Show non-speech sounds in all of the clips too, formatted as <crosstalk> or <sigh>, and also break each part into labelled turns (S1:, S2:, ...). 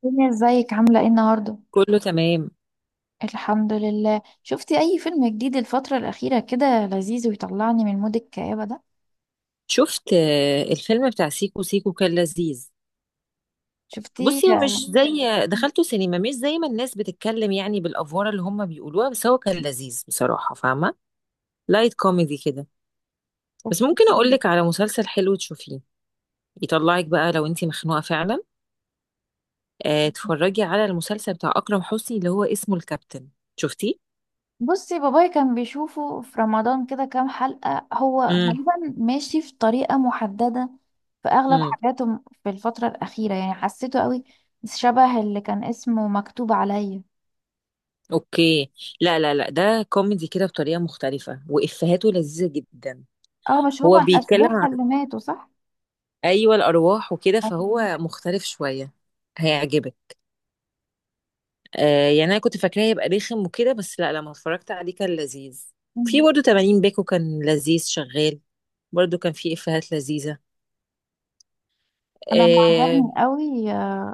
S1: فيلم ازيك عاملة ايه النهاردة؟
S2: كله تمام.
S1: الحمد لله. شفتي اي فيلم جديد الفترة الأخيرة كده لذيذ ويطلعني من مود الكآبة ده؟
S2: شفت، الفيلم بتاع سيكو سيكو كان لذيذ.
S1: شفتيه؟
S2: بصي، هو مش زي دخلته سينما مش زي ما الناس بتتكلم يعني بالافوار اللي هم بيقولوها، بس هو كان لذيذ بصراحه، فاهمه؟ لايت كوميدي كده. بس
S1: أوكي.
S2: ممكن اقول لك على مسلسل حلو تشوفيه، يطلعك بقى لو انتي مخنوقه فعلا. اتفرجي على المسلسل بتاع اكرم حسني اللي هو اسمه الكابتن. شفتيه؟
S1: بصي بابايا كان بيشوفه في رمضان كده كام حلقة، هو
S2: امم.
S1: غالبا ماشي في طريقة محددة في أغلب
S2: امم.
S1: حاجاته في الفترة الأخيرة، يعني حسيته قوي شبه اللي كان اسمه مكتوب عليا.
S2: اوكي. لا لا لا، ده كوميدي كده بطريقه مختلفه وافهاته لذيذه جدا.
S1: اه، مش هو
S2: هو
S1: الأشباح
S2: بيتكلم،
S1: اللي ماتوا صح؟
S2: ايوه، الارواح وكده،
S1: أيوة.
S2: فهو مختلف شويه. هيعجبك. آه، يعني انا كنت فاكراه هيبقى رخم وكده، بس لا، لما اتفرجت عليه كان لذيذ. في برضه 80 باكو كان لذيذ شغال، برضه كان فيه افيهات لذيذه.
S1: أنا
S2: اه.
S1: معجبني قوي،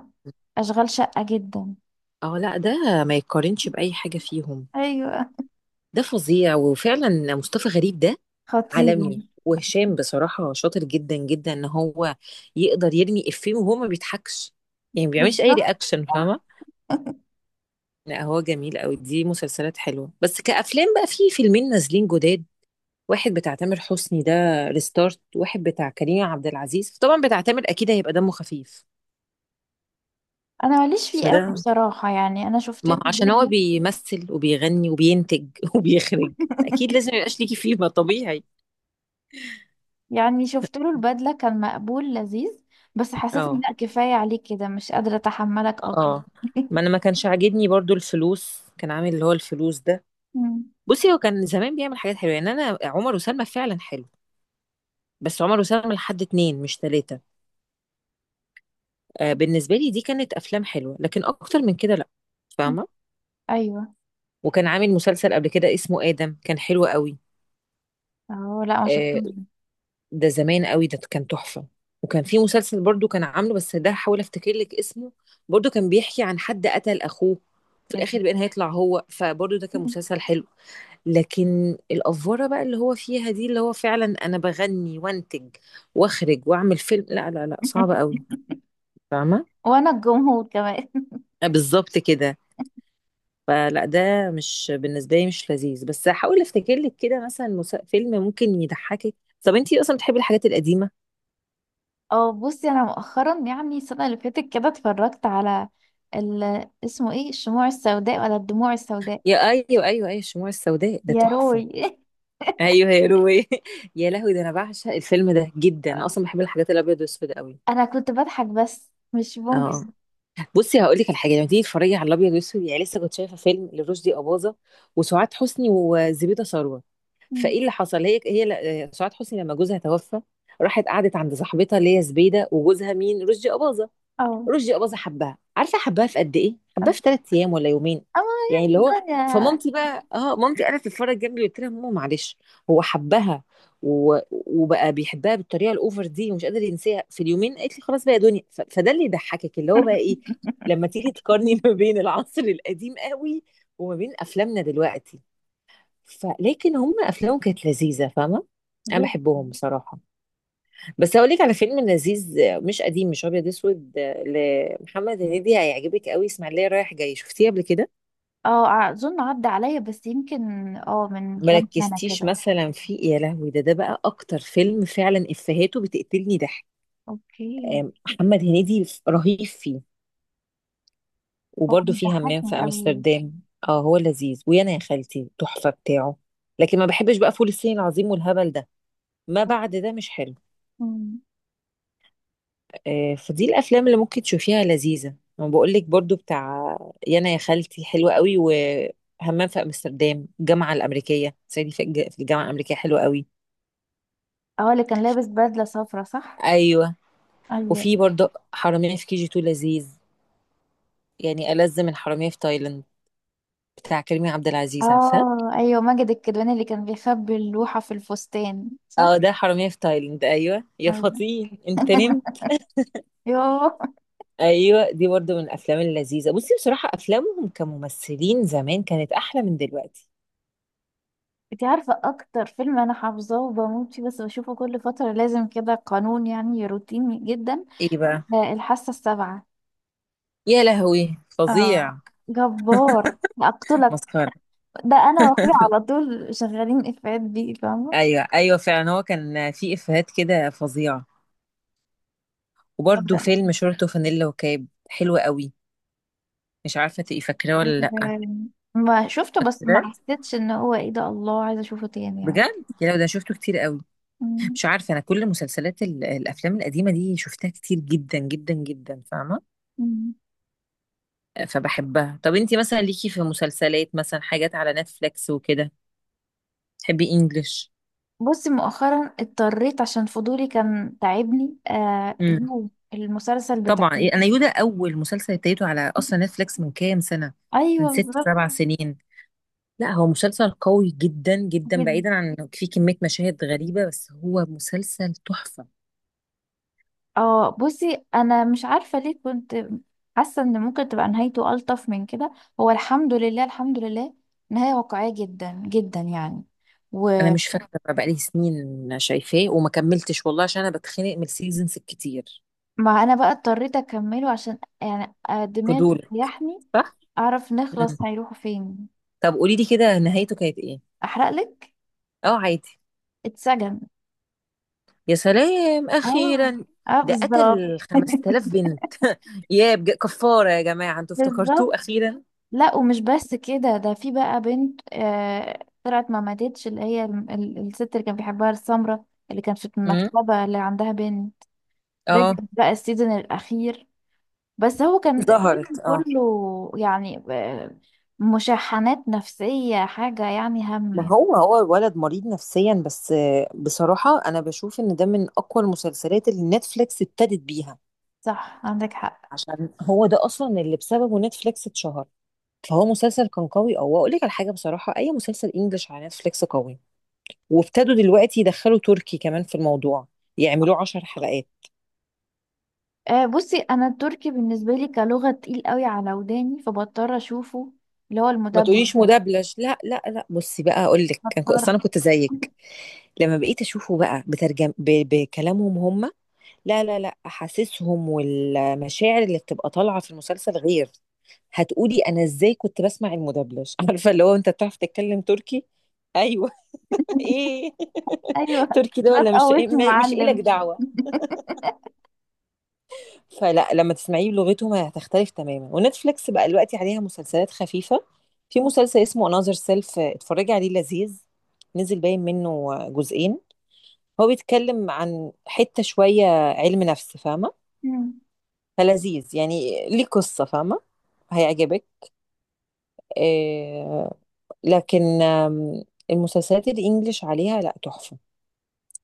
S1: أشغال شقة جدا.
S2: لا، ده ما يتقارنش باي حاجه فيهم.
S1: ايوه.
S2: ده فظيع، وفعلا مصطفى غريب ده
S1: خطير.
S2: عالمي، وهشام بصراحه شاطر جدا جدا، ان هو يقدر يرمي افيه وهو ما بيضحكش، يعني ما بيعملش اي
S1: بالظبط.
S2: رياكشن.
S1: صح.
S2: لا، هو جميل قوي، دي مسلسلات حلوه. بس كأفلام بقى في فيلمين نازلين جداد: واحد بتاع تامر حسني، ده ريستارت، واحد بتاع كريم عبد العزيز. طبعا بتاع تامر اكيد هيبقى دمه خفيف،
S1: انا ماليش فيه قوي
S2: فده،
S1: بصراحه، يعني انا شفت
S2: ما هو
S1: له
S2: عشان هو
S1: البدله.
S2: بيمثل وبيغني وبينتج <laughs> وبيخرج، اكيد لازم
S1: <laughs>
S2: يبقاش ليكي فيه ما طبيعي.
S1: يعني شفت له البدله كان مقبول لذيذ، بس حسيت ان
S2: اه.
S1: لا، كفايه عليك كده، مش قادره اتحملك اكتر.
S2: اه. ما انا ما كانش عاجبني برضو الفلوس، كان عامل اللي هو الفلوس ده.
S1: مم.
S2: بصي، هو كان زمان بيعمل حاجات حلوه، يعني انا عمر وسلمى فعلا حلو، بس عمر وسلمى لحد اتنين مش تلاته. بالنسبة لي دي كانت أفلام حلوة، لكن أكتر من كده لأ. فاهمة؟
S1: ايوه.
S2: وكان عامل مسلسل قبل كده اسمه آدم، كان حلو قوي.
S1: اه لا، ما
S2: آه،
S1: شفتهمش ده.
S2: ده زمان قوي، ده كان تحفة. وكان في مسلسل برضو كان عامله، بس ده حاول أفتكر لك اسمه، برضو كان بيحكي عن حد قتل أخوه في
S1: لازم.
S2: الآخر بقى هيطلع هو، فبرضو ده كان مسلسل حلو. لكن الأفورة بقى اللي هو فيها دي، اللي هو فعلا أنا بغني وأنتج وأخرج وأعمل فيلم، لا لا لا صعبة قوي،
S1: <laughs>
S2: فاهمة؟
S1: وانا الجمهور كمان. <laughs>
S2: بالظبط كده. فلا، ده مش بالنسبه لي مش لذيذ. بس هحاول افتكر لك كده، مثلا فيلم ممكن يضحكك. طب انتي اصلا بتحبي الحاجات القديمه.
S1: اه بصي، انا مؤخرا يعني السنه اللي فاتت كده اتفرجت على ال... اسمه ايه، الشموع السوداء ولا الدموع السوداء؟
S2: يا ايوه ايوه ايوه، الشموع السوداء ده
S1: يا
S2: تحفه.
S1: روي.
S2: ايوه يا روي <laughs> يا لهوي، ده انا بعشق الفيلم ده جدا، انا
S1: <laughs>
S2: اصلا بحب الحاجات الابيض والاسود قوي.
S1: انا كنت بضحك بس مش ممكن.
S2: اه. بصي، هقول لك على حاجه: لما تيجي تتفرجي على الابيض والاسود، يعني لسه كنت شايفه فيلم لرشدي اباظه وسعاد حسني وزبيده ثروت،
S1: مم.
S2: فايه اللي حصل، سعاد حسني لما جوزها توفى راحت قعدت عند صاحبتها اللي هي زبيده، وجوزها مين؟ رشدي اباظه.
S1: اه
S2: رشدي أباظة حبها، عارفه حبها في قد ايه؟ حبها في 3 ايام ولا يومين،
S1: اه،
S2: يعني اللي
S1: يعني
S2: هو،
S1: الدنيا.
S2: فمامتي بقى، مامتي قاعده تتفرج جنبي، قلت لها ماما معلش، هو حبها. و... وبقى بيحبها بالطريقه الاوفر دي ومش قادر ينساها في اليومين، قالت لي خلاص بقى يا دنيا. ف... فده اللي يضحكك، اللي هو بقى ايه، لما تيجي تقارني <laughs> ما بين العصر القديم قوي وما بين افلامنا دلوقتي. فلكن هم افلامهم كانت لذيذه، فاهمه؟ انا
S1: جد. <laughs>
S2: بحبهم بصراحه. بس هقول لك على فيلم لذيذ، مش قديم مش ابيض اسود، لمحمد هنيدي، هيعجبك قوي: اسماعيليه رايح جاي، شفتيه قبل كده؟
S1: اه اظن عدى عليا، بس يمكن اه من كام سنة
S2: مركزتيش
S1: كده.
S2: مثلا فيه؟ يا لهوي، ده بقى اكتر فيلم فعلا افهاته بتقتلني ضحك.
S1: اوكي.
S2: محمد هنيدي رهيب فيه.
S1: هو
S2: وبرده
S1: مش
S2: فيه همام في
S1: ضحكني قوي.
S2: امستردام. اه، هو لذيذ. ويانا يا خالتي تحفه بتاعه. لكن ما بحبش بقى فول الصين العظيم والهبل ده، ما بعد ده مش حلو.
S1: مم.
S2: فدي الافلام اللي ممكن تشوفيها لذيذه. انا بقول لك برضو بتاع يانا يا خالتي حلوه قوي، وهمام في امستردام، الجامعه الامريكيه، صعيدي في الجامعه الامريكيه حلوه قوي.
S1: اه، اللي كان لابس بدلة صفرا صح؟
S2: ايوه.
S1: ايوه.
S2: وفي برضو حراميه في كي جي 2 لذيذ، يعني ألذ من حراميه في تايلاند، بتاع كريم عبد العزيز، عارفاه؟
S1: اه ايوه، ماجد الكدواني اللي كان بيخبي اللوحة في الفستان صح؟
S2: اه، ده حراميه في تايلاند، ايوه، يا
S1: ايوه.
S2: فطين انت نمت.
S1: يوه.
S2: ايوه، دي برضو من الافلام اللذيذه. بصي بصراحه افلامهم كممثلين زمان كانت احلى من دلوقتي.
S1: انت عارفة اكتر فيلم انا حافظاه وبموت فيه؟ بس بشوفه كل فترة لازم، كده قانون، يعني روتيني جدا،
S2: ايه بقى؟
S1: الحاسة السابعة.
S2: يا لهوي فظيع.
S1: اه، جبار اقتلك،
S2: مسخره.
S1: ده انا واخويا على طول شغالين افيهات بيه، فاهمة؟
S2: ايوه ايوه، فعلا هو كان في افيهات كده فظيعه.
S1: طب
S2: وبرده
S1: ده
S2: فيلم شورت وفانيلا وكاب حلو قوي، مش عارفه تبقي فاكراه ولا لا.
S1: ما شفته، بس
S2: فاكراه
S1: ما حسيتش ان هو ايه ده، الله عايزة اشوفه تاني يعني.
S2: بجد، يا لو ده شفته كتير قوي.
S1: مم.
S2: مش عارفه، انا كل مسلسلات الافلام القديمه دي شفتها كتير جدا جدا جدا، فاهمه؟
S1: مم.
S2: فبحبها. طب انتي مثلا ليكي في مسلسلات، مثلا حاجات على نتفليكس وكده؟ تحبي انجلش؟
S1: بصي مؤخرا اضطريت عشان فضولي كان تعبني،
S2: امم.
S1: يو، المسلسل بتاع <laughs>
S2: طبعا،
S1: يو.
S2: انا يودا اول مسلسل ابتديته على اصلا نتفليكس من كام سنه، من
S1: ايوه
S2: ست
S1: بالظبط.
S2: سبع سنين لا، هو مسلسل قوي جدا جدا، بعيدا عن انه فيه كمية مشاهد غريبة، بس هو مسلسل تحفة.
S1: اه بصي انا مش عارفه ليه، كنت حاسه ان ممكن تبقى نهايته الطف من كده. هو الحمد لله، الحمد لله، نهايه واقعيه جدا جدا يعني،
S2: انا
S1: ومع.
S2: مش فاكرة بقى، بقالي سنين شايفاه وما كملتش والله، عشان انا بتخنق من السيزونز الكتير.
S1: انا بقى اضطريت اكمله عشان يعني، دماغي
S2: فضول،
S1: تريحني،
S2: صح؟
S1: اعرف
S2: مم.
S1: نخلص هيروحوا فين.
S2: طب قولي لي كده، نهايته كانت ايه؟
S1: احرق لك.
S2: اه عادي.
S1: اتسجن.
S2: يا سلام،
S1: اه
S2: اخيرا.
S1: اه
S2: ده
S1: بالظبط.
S2: قتل
S1: <laughs>
S2: 5,000 بنت. كفارة يا جماعة، انتوا افتكرتوه
S1: بالظبط،
S2: اخيرا؟
S1: لا ومش بس كده، ده في بقى بنت، طلعت ما ماتتش، اللي هي الست اللي كان بيحبها السمرة، اللي كانت في
S2: مم.
S1: المكتبة اللي عندها بنت، رجعت
S2: اه.
S1: بقى السيزون الأخير. بس هو كان
S2: ظهرت،
S1: السيزون
S2: اه.
S1: كله، يعني مشاحنات نفسية، حاجة يعني هم
S2: ما
S1: يعني.
S2: هو هو الولد مريض نفسيا بس. بصراحة أنا بشوف إن ده من أقوى المسلسلات اللي نتفليكس ابتدت بيها،
S1: صح، عندك حق.
S2: عشان هو ده أصلا اللي بسببه نتفليكس اتشهر. فهو مسلسل كان قوي. أو أقول لك على حاجة بصراحة: أي مسلسل إنجلش على نتفليكس قوي، وابتدوا دلوقتي يدخلوا تركي كمان في الموضوع، يعملوه 10 حلقات.
S1: آه، بصي أنا التركي بالنسبة لي كلغة تقيل قوي على وداني، فبضطر أشوفه، اللي هو
S2: ما
S1: المدبلج
S2: تقوليش
S1: ده،
S2: مدبلج، لا لا لا. بصي بقى، أقول لك، أنا
S1: بضطر.
S2: أصل
S1: <laughs>
S2: أنا كنت زيك، لما بقيت أشوفه بقى بترجم، ب... بكلامهم هم، لا لا لا، احاسيسهم والمشاعر اللي بتبقى طالعه في المسلسل غير. هتقولي انا ازاي كنت بسمع المدبلج <laughs> عارفه اللي هو انت بتعرف تتكلم تركي. ايوه <laughs> ايه
S1: أيوه،
S2: تركي ده
S1: لا
S2: ولا مش إيه؟
S1: تقوصني
S2: مش إلك
S1: معلم.
S2: دعوه. فلا، لما تسمعيه بلغتهم هتختلف تماما. ونتفليكس بقى دلوقتي عليها مسلسلات خفيفه، في مسلسل اسمه انذر سيلف، اتفرجي عليه لذيذ، نزل باين منه جزئين، هو بيتكلم عن حته شويه علم نفس، فاهمه؟
S1: <laughs>
S2: فلذيذ يعني، ليه قصة، فاهمة؟ هيعجبك. آه. لكن المسلسلات الإنجليش عليها لا تحفة.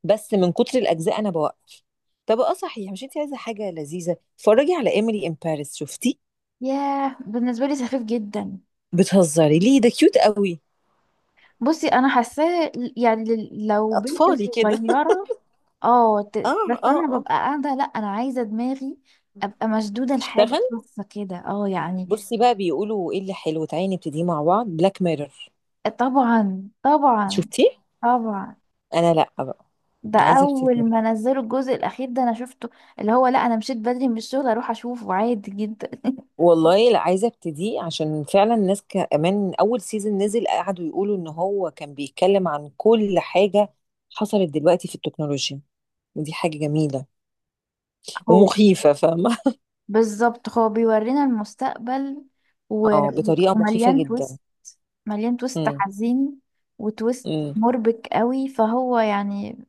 S2: بس من كتر الأجزاء أنا بوقف. طب اه صحيح، مش انت عايزة حاجة لذيذة؟ اتفرجي على إيميلي إن باريس، شفتي؟
S1: ياه، بالنسبة لي سخيف جدا.
S2: بتهزري ليه؟ ده كيوت قوي.
S1: بصي انا حاساه، يعني لو بنت
S2: أطفالي كده <laughs>
S1: صغيرة، اه،
S2: اه.
S1: بس انا
S2: اه. اه.
S1: ببقى قاعدة، لا انا عايزة دماغي ابقى مشدودة لحاجة
S2: اشتغل.
S1: خاصة كده، اه يعني.
S2: بصي بقى، بيقولوا ايه اللي حلو، تعالي نبتدي مع بعض بلاك ميرور،
S1: طبعا طبعا.
S2: شفتيه؟
S1: طبعا،
S2: أنا لا بقى،
S1: ده
S2: عايزة ابتدي.
S1: اول ما نزلوا الجزء الاخير ده انا شفته، اللي هو لا، انا مشيت بدري من الشغل اروح اشوفه عادي جدا.
S2: والله لا، عايزه ابتديه، عشان فعلا الناس كمان اول سيزون نزل قعدوا يقولوا ان هو كان بيتكلم عن كل حاجه حصلت دلوقتي في التكنولوجيا. ودي حاجه جميله
S1: هو
S2: ومخيفه، فاهمه؟
S1: بالظبط، هو بيورينا المستقبل،
S2: <laughs>
S1: و-
S2: اه، بطريقه مخيفه
S1: ومليان
S2: جدا.
S1: تويست، مليان تويست
S2: امم.
S1: حزين، وتويست
S2: امم.
S1: مربك قوي، فهو يعني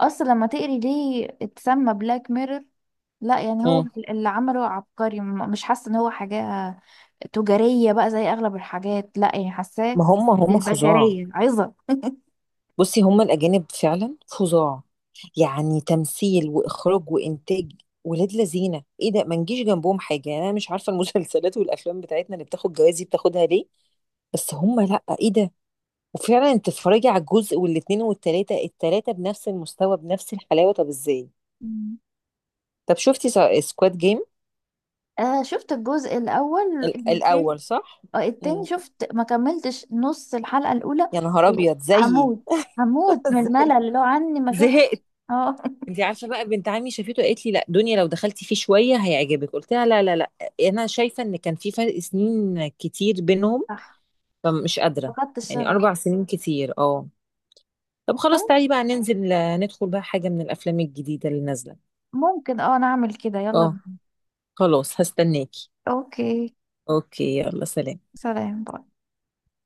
S1: اصلا لما تقري ليه اتسمى بلاك ميرور، لا يعني هو
S2: امم.
S1: اللي عمله عبقري، مش حاسه ان هو حاجه تجاريه بقى زي اغلب الحاجات، لا يعني حاساه
S2: ما هم هم فظاع.
S1: للبشريه عظه.
S2: بصي هم الاجانب فعلا فظاع، يعني تمثيل واخراج وانتاج، ولاد لذينه، ايه ده، ما نجيش جنبهم حاجه. يعني انا مش عارفه المسلسلات والافلام بتاعتنا اللي بتاخد جوائز دي بتاخدها ليه، بس هم لا، ايه ده! وفعلا انت تتفرجي على الجزء والاتنين والتلاتة، التلاتة بنفس المستوى بنفس الحلاوة، طب ازاي؟
S1: مم.
S2: طب شفتي سكواد جيم؟
S1: آه، شفت الجزء الأول.
S2: الاول صح.
S1: التاني
S2: مم.
S1: شفت، ما كملتش نص الحلقة الأولى.
S2: يا نهار ابيض زيي
S1: هموت،
S2: <laughs>
S1: هموت من الملل لو عني ما أشوف.
S2: زهقت.
S1: اه. <laughs>
S2: انت عارفه بقى بنت عمي شافته قالت لي لا دنيا، لو دخلتي فيه شويه هيعجبك. قلت لها لا لا لا، انا شايفه ان كان في فرق سنين كتير بينهم،
S1: صح،
S2: فمش قادره،
S1: فقدت
S2: يعني
S1: الشغف.
S2: 4 سنين كتير، اه. طب خلاص، تعالي بقى ننزل، ندخل بقى حاجه من الافلام الجديده اللي نازله.
S1: ممكن، اه نعمل كده، يلا
S2: اه
S1: بينا.
S2: خلاص، هستناكي.
S1: اوكي.
S2: اوكي يلا، سلام.
S1: سلام باي.